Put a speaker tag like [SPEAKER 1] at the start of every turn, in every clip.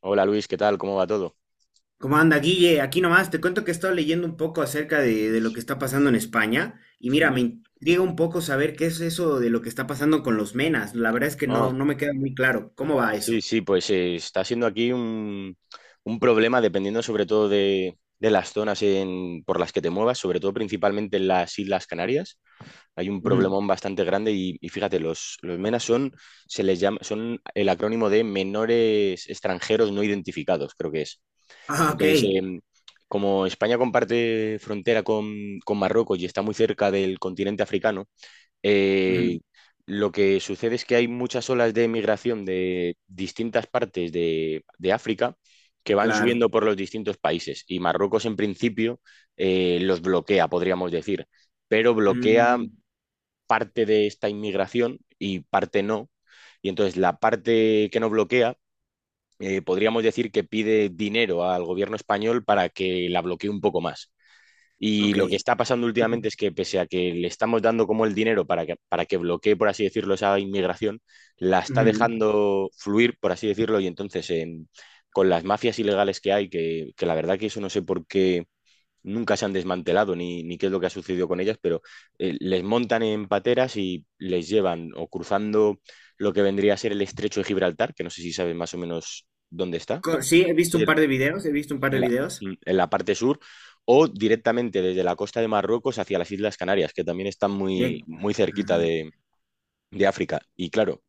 [SPEAKER 1] Hola Luis, ¿qué tal? ¿Cómo va todo?
[SPEAKER 2] ¿Cómo anda, Guille? Aquí nomás te cuento que he estado leyendo un poco acerca de lo que está pasando en España y mira,
[SPEAKER 1] Sí.
[SPEAKER 2] me intriga un poco saber qué es eso de lo que está pasando con los menas. La verdad es que
[SPEAKER 1] Ah,
[SPEAKER 2] no me queda muy claro. ¿Cómo va eso?
[SPEAKER 1] sí, sí, pues está siendo aquí un problema dependiendo sobre todo de las zonas por las que te muevas, sobre todo principalmente en las Islas Canarias. Hay un
[SPEAKER 2] Ujú.
[SPEAKER 1] problemón bastante grande y fíjate, los MENA son, se les llama, son el acrónimo de menores extranjeros no identificados, creo que es.
[SPEAKER 2] Ah, ok.
[SPEAKER 1] Entonces, como España comparte frontera con Marruecos y está muy cerca del continente africano.
[SPEAKER 2] Ujú,
[SPEAKER 1] Eh, lo que sucede es que hay muchas olas de migración de distintas partes de África, que van
[SPEAKER 2] claro.
[SPEAKER 1] subiendo por los distintos países, y Marruecos en principio los bloquea, podríamos decir, pero bloquea
[SPEAKER 2] Mm,
[SPEAKER 1] parte de esta inmigración y parte no. Y entonces la parte que no bloquea, podríamos decir que pide dinero al gobierno español para que la bloquee un poco más. Y
[SPEAKER 2] ok.
[SPEAKER 1] lo que está pasando últimamente es que, pese a que le estamos dando como el dinero para que bloquee, por así decirlo, esa inmigración, la está
[SPEAKER 2] Ujú.
[SPEAKER 1] dejando fluir, por así decirlo, y entonces con las mafias ilegales que hay, la verdad que eso no sé por qué nunca se han desmantelado ni qué es lo que ha sucedido con ellas, pero les montan en pateras y les llevan, o cruzando lo que vendría a ser el estrecho de Gibraltar, que no sé si sabes más o menos dónde está.
[SPEAKER 2] Sí, he
[SPEAKER 1] Sí,
[SPEAKER 2] visto un par de videos, he visto un par
[SPEAKER 1] en
[SPEAKER 2] de
[SPEAKER 1] la,
[SPEAKER 2] videos.
[SPEAKER 1] en la parte sur, o directamente desde la costa de Marruecos hacia las Islas Canarias, que también están muy,
[SPEAKER 2] Bien.
[SPEAKER 1] muy cerquita
[SPEAKER 2] Mm,
[SPEAKER 1] de África. Y claro,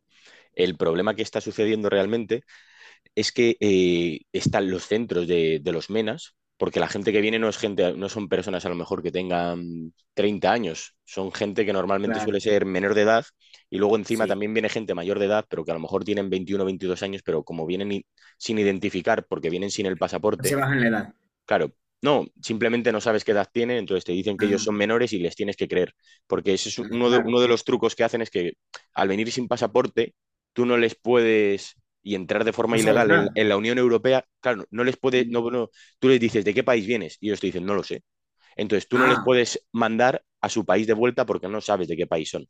[SPEAKER 1] el problema que está sucediendo realmente es que están los centros los MENAS, porque la gente que viene no es gente, no son personas a lo mejor que tengan 30 años, son gente que normalmente suele
[SPEAKER 2] claro,
[SPEAKER 1] ser menor de edad, y luego encima
[SPEAKER 2] sí.
[SPEAKER 1] también viene gente mayor de edad, pero que a lo mejor tienen 21 o 22 años, pero como vienen sin identificar, porque vienen sin el
[SPEAKER 2] Se
[SPEAKER 1] pasaporte.
[SPEAKER 2] bajan la edad.
[SPEAKER 1] Claro, no, simplemente no sabes qué edad tienen, entonces te dicen que ellos
[SPEAKER 2] Ah,
[SPEAKER 1] son menores y les tienes que creer, porque ese es
[SPEAKER 2] ah,
[SPEAKER 1] uno de,
[SPEAKER 2] claro.
[SPEAKER 1] uno de los trucos que hacen, es que al venir sin pasaporte, tú no les puedes y entrar de forma
[SPEAKER 2] No sabes
[SPEAKER 1] ilegal en,
[SPEAKER 2] nada.
[SPEAKER 1] en la Unión Europea. Claro, no les puede,
[SPEAKER 2] Mm.
[SPEAKER 1] no, no. Tú les dices, ¿de qué país vienes? Y ellos te dicen, no lo sé. Entonces tú no les
[SPEAKER 2] Ah,
[SPEAKER 1] puedes mandar a su país de vuelta porque no sabes de qué país son.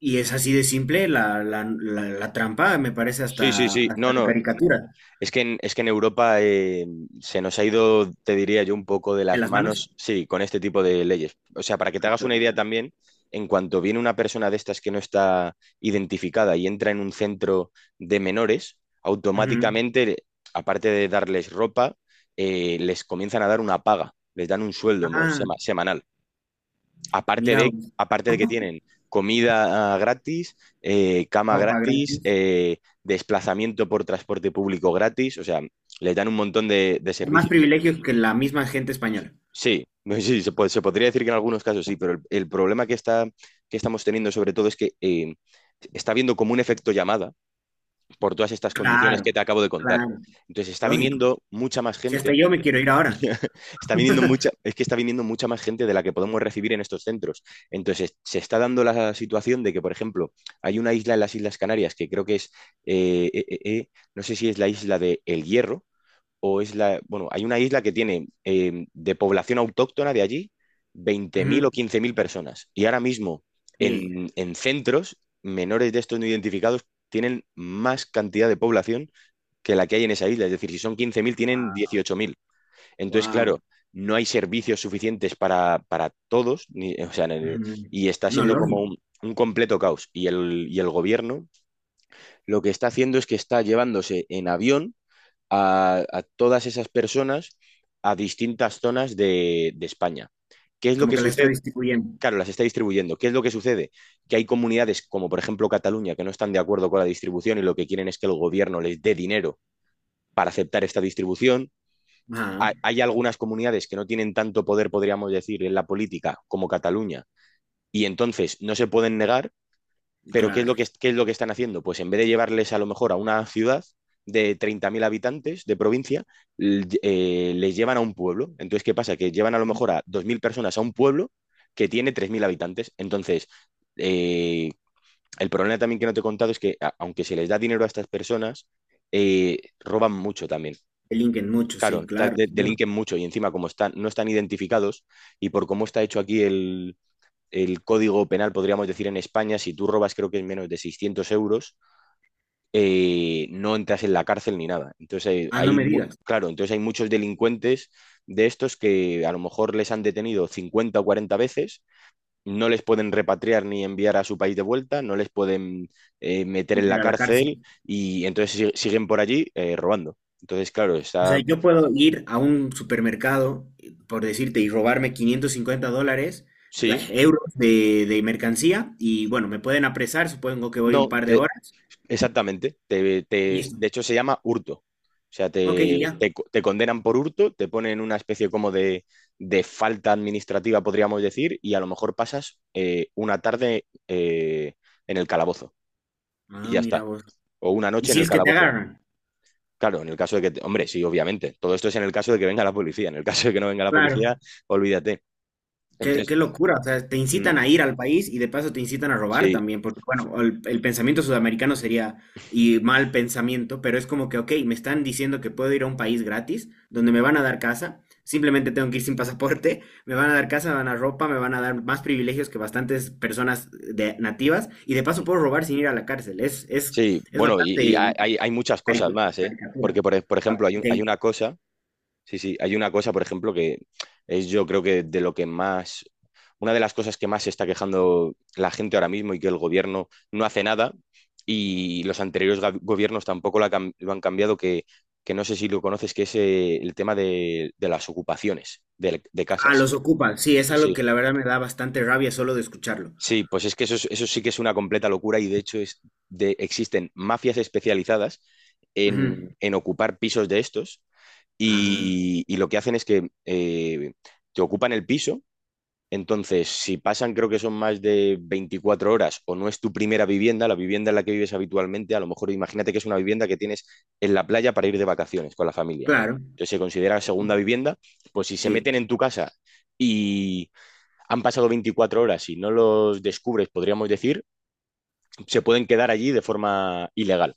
[SPEAKER 2] y es así de simple la trampa, me parece
[SPEAKER 1] Sí, sí,
[SPEAKER 2] hasta,
[SPEAKER 1] sí, no,
[SPEAKER 2] hasta de
[SPEAKER 1] no.
[SPEAKER 2] caricatura.
[SPEAKER 1] Es que en Europa se nos ha ido, te diría yo, un poco de
[SPEAKER 2] ¿En
[SPEAKER 1] las
[SPEAKER 2] las manos?
[SPEAKER 1] manos, sí, con este tipo de leyes. O sea, para que te
[SPEAKER 2] Ah,
[SPEAKER 1] hagas una idea
[SPEAKER 2] claro.
[SPEAKER 1] también, en cuanto viene una persona de estas que no está identificada y entra en un centro de menores,
[SPEAKER 2] Ujú.
[SPEAKER 1] automáticamente, aparte de darles ropa, les comienzan a dar una paga, les dan un sueldo
[SPEAKER 2] Ah,
[SPEAKER 1] semanal, aparte
[SPEAKER 2] mira,
[SPEAKER 1] de,
[SPEAKER 2] vos,
[SPEAKER 1] aparte de que tienen comida gratis, cama
[SPEAKER 2] ropa
[SPEAKER 1] gratis,
[SPEAKER 2] gratis.
[SPEAKER 1] desplazamiento por transporte público gratis. O sea, les dan un montón de
[SPEAKER 2] Más
[SPEAKER 1] servicios.
[SPEAKER 2] privilegios que la misma gente española.
[SPEAKER 1] Sí, sí, se podría decir que en algunos casos sí, pero el problema que está, que estamos teniendo sobre todo, es que está habiendo como un efecto llamada por todas estas condiciones que
[SPEAKER 2] Claro,
[SPEAKER 1] te acabo de contar.
[SPEAKER 2] claro,
[SPEAKER 1] Entonces está
[SPEAKER 2] lógico.
[SPEAKER 1] viniendo mucha más
[SPEAKER 2] Si hasta
[SPEAKER 1] gente.
[SPEAKER 2] yo me quiero ir ahora.
[SPEAKER 1] Está viniendo mucha, es que está viniendo mucha más gente de la que podemos recibir en estos centros. Entonces, se está dando la situación de que, por ejemplo, hay una isla en las Islas Canarias que creo que es, eh, eh, eh, eh, no sé si es la isla de El Hierro bueno, hay una isla que tiene, de población autóctona de allí, 20.000 o
[SPEAKER 2] Ujú.
[SPEAKER 1] 15.000 personas. Y ahora mismo,
[SPEAKER 2] Ey,
[SPEAKER 1] en centros menores de estos no identificados, tienen más cantidad de población que la que hay en esa isla. Es decir, si son 15.000, tienen 18.000. Entonces,
[SPEAKER 2] wow.
[SPEAKER 1] claro, no hay servicios suficientes para todos, o sea,
[SPEAKER 2] Ujú.
[SPEAKER 1] y está
[SPEAKER 2] No,
[SPEAKER 1] siendo como
[SPEAKER 2] lógico.
[SPEAKER 1] un completo caos. Y el gobierno, lo que está haciendo es que está llevándose en avión a todas esas personas a distintas zonas de España. ¿Qué es lo
[SPEAKER 2] Como
[SPEAKER 1] que
[SPEAKER 2] que la está
[SPEAKER 1] sucede?
[SPEAKER 2] distribuyendo.
[SPEAKER 1] Claro, las está distribuyendo. ¿Qué es lo que sucede? Que hay comunidades, como por ejemplo Cataluña, que no están de acuerdo con la distribución, y lo que quieren es que el gobierno les dé dinero para aceptar esta distribución.
[SPEAKER 2] Ajá,
[SPEAKER 1] Hay algunas comunidades que no tienen tanto poder, podríamos decir, en la política, como Cataluña, y entonces no se pueden negar. Pero ¿qué es lo
[SPEAKER 2] claro.
[SPEAKER 1] que, qué es lo que están haciendo? Pues en vez de llevarles, a lo mejor, a una ciudad de 30.000 habitantes de provincia, les llevan a un pueblo. Entonces, ¿qué pasa? Que llevan, a lo mejor, a 2.000 personas a un pueblo que tiene 3.000 habitantes. Entonces, eh, el problema también que no te he contado es que, aunque se les da dinero a estas personas, roban mucho también.
[SPEAKER 2] Delinquen mucho,
[SPEAKER 1] Claro,
[SPEAKER 2] sí, claro, seguro.
[SPEAKER 1] delinquen mucho, y encima, como están, no están identificados, y por cómo está hecho aquí el código penal, podríamos decir, en España, si tú robas, creo que es menos de 600 euros, no entras en la cárcel ni nada. Entonces,
[SPEAKER 2] Ah, no me digas.
[SPEAKER 1] claro, entonces hay muchos delincuentes de estos que, a lo mejor, les han detenido 50 o 40 veces. No les pueden repatriar ni enviar a su país de vuelta, no les pueden meter en
[SPEAKER 2] Meter
[SPEAKER 1] la
[SPEAKER 2] a la cárcel.
[SPEAKER 1] cárcel, y entonces siguen por allí robando. Entonces, claro,
[SPEAKER 2] O sea,
[SPEAKER 1] está...
[SPEAKER 2] yo puedo ir a un supermercado, por decirte, y robarme 550 dólares, eh,
[SPEAKER 1] Sí,
[SPEAKER 2] euros de mercancía, y bueno, me pueden apresar, supongo que voy un
[SPEAKER 1] no,
[SPEAKER 2] par de horas,
[SPEAKER 1] exactamente.
[SPEAKER 2] y listo.
[SPEAKER 1] De hecho, se llama hurto. O sea,
[SPEAKER 2] Ok, y ya.
[SPEAKER 1] te condenan por hurto, te ponen una especie como de falta administrativa, podríamos decir, y a lo mejor pasas, una tarde, en el calabozo, y
[SPEAKER 2] Ah,
[SPEAKER 1] ya
[SPEAKER 2] mira
[SPEAKER 1] está.
[SPEAKER 2] vos.
[SPEAKER 1] O una
[SPEAKER 2] ¿Y
[SPEAKER 1] noche en
[SPEAKER 2] si
[SPEAKER 1] el
[SPEAKER 2] es que te
[SPEAKER 1] calabozo.
[SPEAKER 2] agarran?
[SPEAKER 1] Claro, en el caso de que, hombre, sí, obviamente. Todo esto es en el caso de que venga la policía. En el caso de que no venga la policía,
[SPEAKER 2] Claro.
[SPEAKER 1] olvídate.
[SPEAKER 2] Qué
[SPEAKER 1] Entonces,
[SPEAKER 2] locura, o sea, te
[SPEAKER 1] mm,
[SPEAKER 2] incitan a ir al país y de paso te incitan a robar
[SPEAKER 1] sí,
[SPEAKER 2] también, porque bueno, el pensamiento sudamericano sería, y mal pensamiento, pero es como que, ok, me están diciendo que puedo ir a un país gratis, donde me van a dar casa, simplemente tengo que ir sin pasaporte, me van a dar casa, me van a dar ropa, me van a dar más privilegios que bastantes personas de, nativas, y de paso
[SPEAKER 1] mm,
[SPEAKER 2] puedo robar sin ir a la cárcel, es, es,
[SPEAKER 1] sí.
[SPEAKER 2] es
[SPEAKER 1] Bueno, y
[SPEAKER 2] bastante
[SPEAKER 1] hay muchas cosas más, ¿eh?
[SPEAKER 2] caricatura.
[SPEAKER 1] Porque, por
[SPEAKER 2] Ah,
[SPEAKER 1] ejemplo, hay,
[SPEAKER 2] ok.
[SPEAKER 1] hay una cosa. Sí, sí, hay una cosa, por ejemplo, que es, yo creo que, de lo que más, una de las cosas que más se está quejando la gente ahora mismo, y que el gobierno no hace nada, y los anteriores gobiernos tampoco la lo han cambiado, que no sé si lo conoces, que es el tema de las ocupaciones de
[SPEAKER 2] Ah,
[SPEAKER 1] casas.
[SPEAKER 2] los ocupan, sí, es algo
[SPEAKER 1] Sí,
[SPEAKER 2] que la verdad me da bastante rabia solo de escucharlo.
[SPEAKER 1] sí, pues es que eso, eso sí que es una completa locura, y de hecho es existen mafias especializadas
[SPEAKER 2] Ujú.
[SPEAKER 1] en ocupar pisos de estos,
[SPEAKER 2] Ah.
[SPEAKER 1] y lo que hacen es que te ocupan el piso. Entonces, si pasan, creo que son más de 24 horas, o no es tu primera vivienda, la vivienda en la que vives habitualmente, a lo mejor imagínate que es una vivienda que tienes en la playa para ir de vacaciones con la familia.
[SPEAKER 2] Claro,
[SPEAKER 1] Entonces se considera segunda vivienda. Pues si se
[SPEAKER 2] sí.
[SPEAKER 1] meten en tu casa y han pasado 24 horas y no los descubres, podríamos decir, se pueden quedar allí de forma ilegal.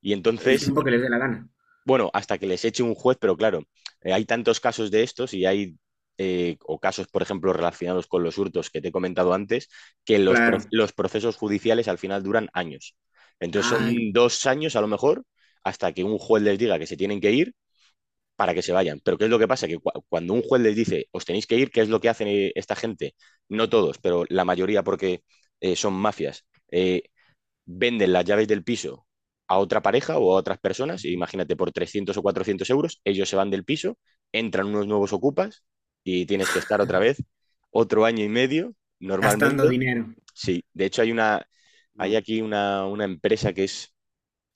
[SPEAKER 1] Y
[SPEAKER 2] El
[SPEAKER 1] entonces,
[SPEAKER 2] tiempo que les dé la gana.
[SPEAKER 1] bueno, hasta que les eche un juez. Pero claro, hay tantos casos de estos, y o casos, por ejemplo, relacionados con los hurtos que te he comentado antes, que los,
[SPEAKER 2] Claro.
[SPEAKER 1] los procesos judiciales al final duran años. Entonces son
[SPEAKER 2] Ay,
[SPEAKER 1] 2 años, a lo mejor, hasta que un juez les diga que se tienen que ir, para que se vayan. Pero ¿qué es lo que pasa? Que, cuando un juez les dice, os tenéis que ir, ¿qué es lo que hacen, esta gente? No todos, pero la mayoría, porque son mafias. Venden las llaves del piso a otra pareja o a otras personas, imagínate, por 300 o 400 euros. Ellos se van del piso, entran unos nuevos ocupas, y tienes que estar otra vez otro año y medio,
[SPEAKER 2] gastando
[SPEAKER 1] normalmente.
[SPEAKER 2] dinero.
[SPEAKER 1] Sí, de hecho hay una, hay
[SPEAKER 2] No.
[SPEAKER 1] aquí una empresa que es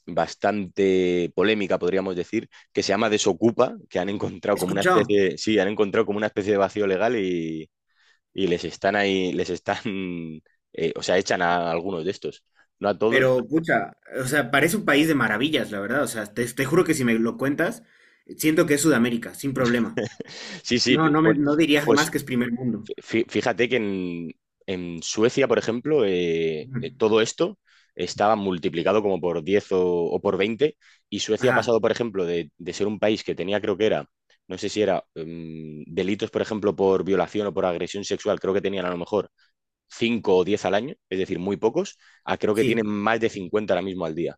[SPEAKER 1] bastante polémica, podríamos decir, que se llama Desocupa, que han encontrado
[SPEAKER 2] He
[SPEAKER 1] como una
[SPEAKER 2] escuchado,
[SPEAKER 1] especie, sí, han encontrado como una especie de vacío legal, y les están ahí, les están, o sea, echan a algunos de estos, no a todos.
[SPEAKER 2] pero pucha, o sea, parece un país de maravillas, la verdad. O sea, te juro que si me lo cuentas, siento que es Sudamérica, sin problema.
[SPEAKER 1] Sí, sí,
[SPEAKER 2] No,
[SPEAKER 1] bueno,
[SPEAKER 2] no diría
[SPEAKER 1] pues
[SPEAKER 2] jamás que es primer mundo.
[SPEAKER 1] fíjate que en Suecia, por ejemplo,
[SPEAKER 2] Ujú.
[SPEAKER 1] todo esto estaba multiplicado como por 10, o por 20. Y Suecia ha
[SPEAKER 2] Ajá,
[SPEAKER 1] pasado, por ejemplo, de ser un país que tenía, creo que era, no sé si era, delitos, por ejemplo, por violación o por agresión sexual, creo que tenían a lo mejor 5 o 10 al año, es decir, muy pocos, a creo que
[SPEAKER 2] sí.
[SPEAKER 1] tienen más de 50 ahora mismo al día.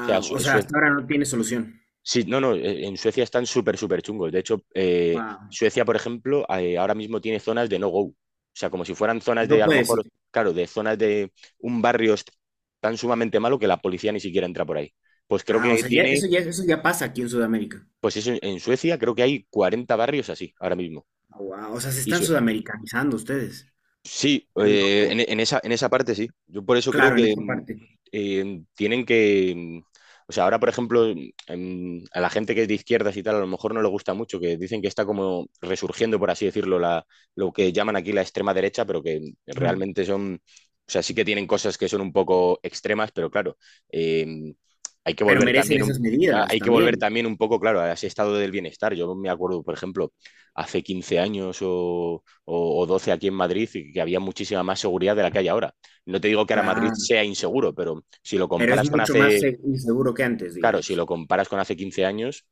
[SPEAKER 1] O sea,
[SPEAKER 2] O sea,
[SPEAKER 1] Suecia...
[SPEAKER 2] hasta ahora no tiene solución.
[SPEAKER 1] Sí, no, no, en Suecia están súper, súper chungos. De hecho,
[SPEAKER 2] Wow.
[SPEAKER 1] Suecia, por ejemplo, ahora mismo tiene zonas de no-go. O sea, como si fueran zonas de,
[SPEAKER 2] No
[SPEAKER 1] a lo
[SPEAKER 2] puedes ir.
[SPEAKER 1] mejor, claro, de zonas de un barrio tan sumamente malo que la policía ni siquiera entra por ahí. Pues creo
[SPEAKER 2] Ah, o
[SPEAKER 1] que
[SPEAKER 2] sea, ya,
[SPEAKER 1] tiene,
[SPEAKER 2] eso ya pasa aquí en Sudamérica.
[SPEAKER 1] pues eso, en Suecia creo que hay 40 barrios así ahora mismo.
[SPEAKER 2] Wow. O sea, se están sudamericanizando ustedes.
[SPEAKER 1] Sí,
[SPEAKER 2] Qué loco.
[SPEAKER 1] en esa parte sí. Yo por eso creo
[SPEAKER 2] Claro, en
[SPEAKER 1] que
[SPEAKER 2] esa parte.
[SPEAKER 1] tienen que... O sea, ahora, por ejemplo, a la gente que es de izquierdas y tal, a lo mejor no le gusta mucho, que dicen que está como resurgiendo, por así decirlo, lo que llaman aquí la extrema derecha, pero que
[SPEAKER 2] Ujú.
[SPEAKER 1] realmente son... O sea, sí que tienen cosas que son un poco extremas, pero claro, em, hay que
[SPEAKER 2] Pero
[SPEAKER 1] volver
[SPEAKER 2] merecen
[SPEAKER 1] también un...
[SPEAKER 2] esas medidas
[SPEAKER 1] Hay que volver
[SPEAKER 2] también,
[SPEAKER 1] también un poco, claro, a ese estado del bienestar. Yo me acuerdo, por ejemplo, hace 15 años, o 12, aquí en Madrid, y que había muchísima más seguridad de la que hay ahora. No te digo que ahora Madrid
[SPEAKER 2] claro.
[SPEAKER 1] sea inseguro, pero si lo
[SPEAKER 2] Pero es
[SPEAKER 1] comparas con
[SPEAKER 2] mucho
[SPEAKER 1] hace,
[SPEAKER 2] más inseguro que antes,
[SPEAKER 1] claro, si
[SPEAKER 2] digamos.
[SPEAKER 1] lo comparas con hace 15 años,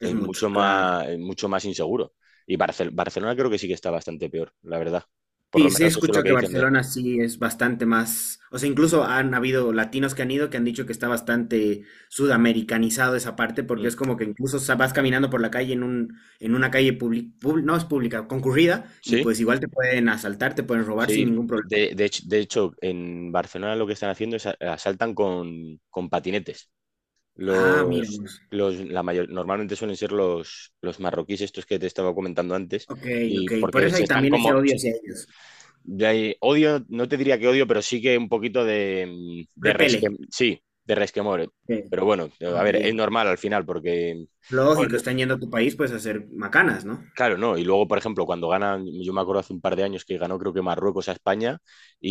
[SPEAKER 2] Es
[SPEAKER 1] es mucho
[SPEAKER 2] mucho, claro.
[SPEAKER 1] más, es mucho más inseguro. Y Barcelona creo que sí que está bastante peor, la verdad. Por lo
[SPEAKER 2] Sí, sí
[SPEAKER 1] menos eso es lo
[SPEAKER 2] escucho
[SPEAKER 1] que
[SPEAKER 2] que
[SPEAKER 1] dicen de...
[SPEAKER 2] Barcelona sí es bastante más, o sea,
[SPEAKER 1] Mm,
[SPEAKER 2] incluso han habido latinos que han ido que han dicho que está bastante sudamericanizado esa parte, porque
[SPEAKER 1] mm.
[SPEAKER 2] es como que incluso vas caminando por la calle en una calle no es pública, concurrida, y
[SPEAKER 1] Sí,
[SPEAKER 2] pues igual te pueden asaltar, te pueden robar sin
[SPEAKER 1] sí.
[SPEAKER 2] ningún problema.
[SPEAKER 1] De hecho, en Barcelona lo que están haciendo es, asaltan con patinetes.
[SPEAKER 2] Ah, mira,
[SPEAKER 1] Los,
[SPEAKER 2] pues.
[SPEAKER 1] la mayor, normalmente suelen ser los marroquíes, estos que te estaba comentando antes,
[SPEAKER 2] ok,
[SPEAKER 1] y
[SPEAKER 2] ok, por
[SPEAKER 1] porque
[SPEAKER 2] eso
[SPEAKER 1] se
[SPEAKER 2] hay
[SPEAKER 1] están
[SPEAKER 2] también ese
[SPEAKER 1] como,
[SPEAKER 2] odio hacia ellos.
[SPEAKER 1] odio, no te diría que odio, pero sí que un poquito de,
[SPEAKER 2] Repele.
[SPEAKER 1] sí, de resquemor.
[SPEAKER 2] Ok,
[SPEAKER 1] Pero bueno, a
[SPEAKER 2] ok.
[SPEAKER 1] ver, es normal al final, porque,
[SPEAKER 2] Lógico,
[SPEAKER 1] bueno...
[SPEAKER 2] están yendo a tu país pues a hacer macanas, ¿no?
[SPEAKER 1] Claro, no. Y luego, por ejemplo, cuando ganan, yo me acuerdo hace un par de años que ganó creo que Marruecos a España,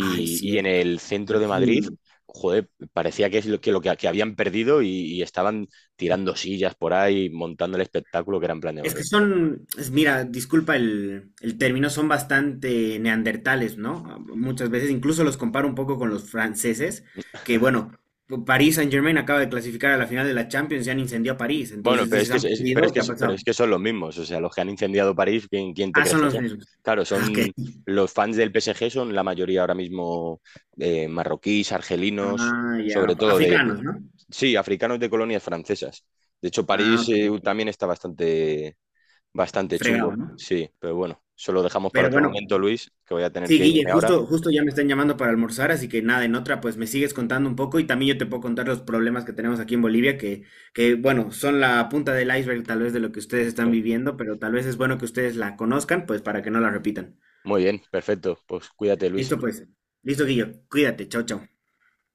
[SPEAKER 2] Ay,
[SPEAKER 1] y en
[SPEAKER 2] cierto.
[SPEAKER 1] el centro de Madrid,
[SPEAKER 2] Imagino.
[SPEAKER 1] joder, parecía que es que habían perdido, y estaban tirando sillas por ahí, montando el espectáculo, que era en plan de
[SPEAKER 2] Es que
[SPEAKER 1] Madrid.
[SPEAKER 2] son, mira, disculpa el término, son bastante neandertales, ¿no? Muchas veces incluso los comparo un poco con los franceses, que bueno, París Saint-Germain acaba de clasificar a la final de la Champions y han incendiado París,
[SPEAKER 1] Bueno,
[SPEAKER 2] entonces
[SPEAKER 1] pero es
[SPEAKER 2] dices,
[SPEAKER 1] que,
[SPEAKER 2] han
[SPEAKER 1] pero es
[SPEAKER 2] perdido,
[SPEAKER 1] que,
[SPEAKER 2] ¿qué ha
[SPEAKER 1] pero
[SPEAKER 2] pasado?
[SPEAKER 1] es que son los mismos, o sea, los que han incendiado París, ¿quién te
[SPEAKER 2] Ah,
[SPEAKER 1] crees
[SPEAKER 2] son
[SPEAKER 1] que
[SPEAKER 2] los
[SPEAKER 1] son?
[SPEAKER 2] mismos.
[SPEAKER 1] Claro,
[SPEAKER 2] Ah,
[SPEAKER 1] son
[SPEAKER 2] ok.
[SPEAKER 1] los fans del PSG, son la mayoría ahora mismo, marroquíes, argelinos,
[SPEAKER 2] Ah, ya,
[SPEAKER 1] sobre todo de...
[SPEAKER 2] africanos, ¿no?
[SPEAKER 1] Sí, africanos de colonias francesas. De hecho,
[SPEAKER 2] Ah,
[SPEAKER 1] París
[SPEAKER 2] ok.
[SPEAKER 1] también está bastante, bastante chungo.
[SPEAKER 2] Fregado, ¿no?
[SPEAKER 1] Sí, pero bueno, eso lo dejamos para
[SPEAKER 2] Pero
[SPEAKER 1] otro
[SPEAKER 2] bueno,
[SPEAKER 1] momento, Luis, que voy a tener
[SPEAKER 2] sí,
[SPEAKER 1] que
[SPEAKER 2] Guille,
[SPEAKER 1] irme ahora.
[SPEAKER 2] justo, justo ya me están llamando para almorzar, así que nada, en otra pues me sigues contando un poco y también yo te puedo contar los problemas que tenemos aquí en Bolivia, que, bueno, son la punta del iceberg tal vez de lo que ustedes están viviendo, pero tal vez es bueno que ustedes la conozcan pues para que no la repitan.
[SPEAKER 1] Muy bien, perfecto. Pues cuídate, Luis.
[SPEAKER 2] Listo pues, listo Guillo, cuídate, chao, chao.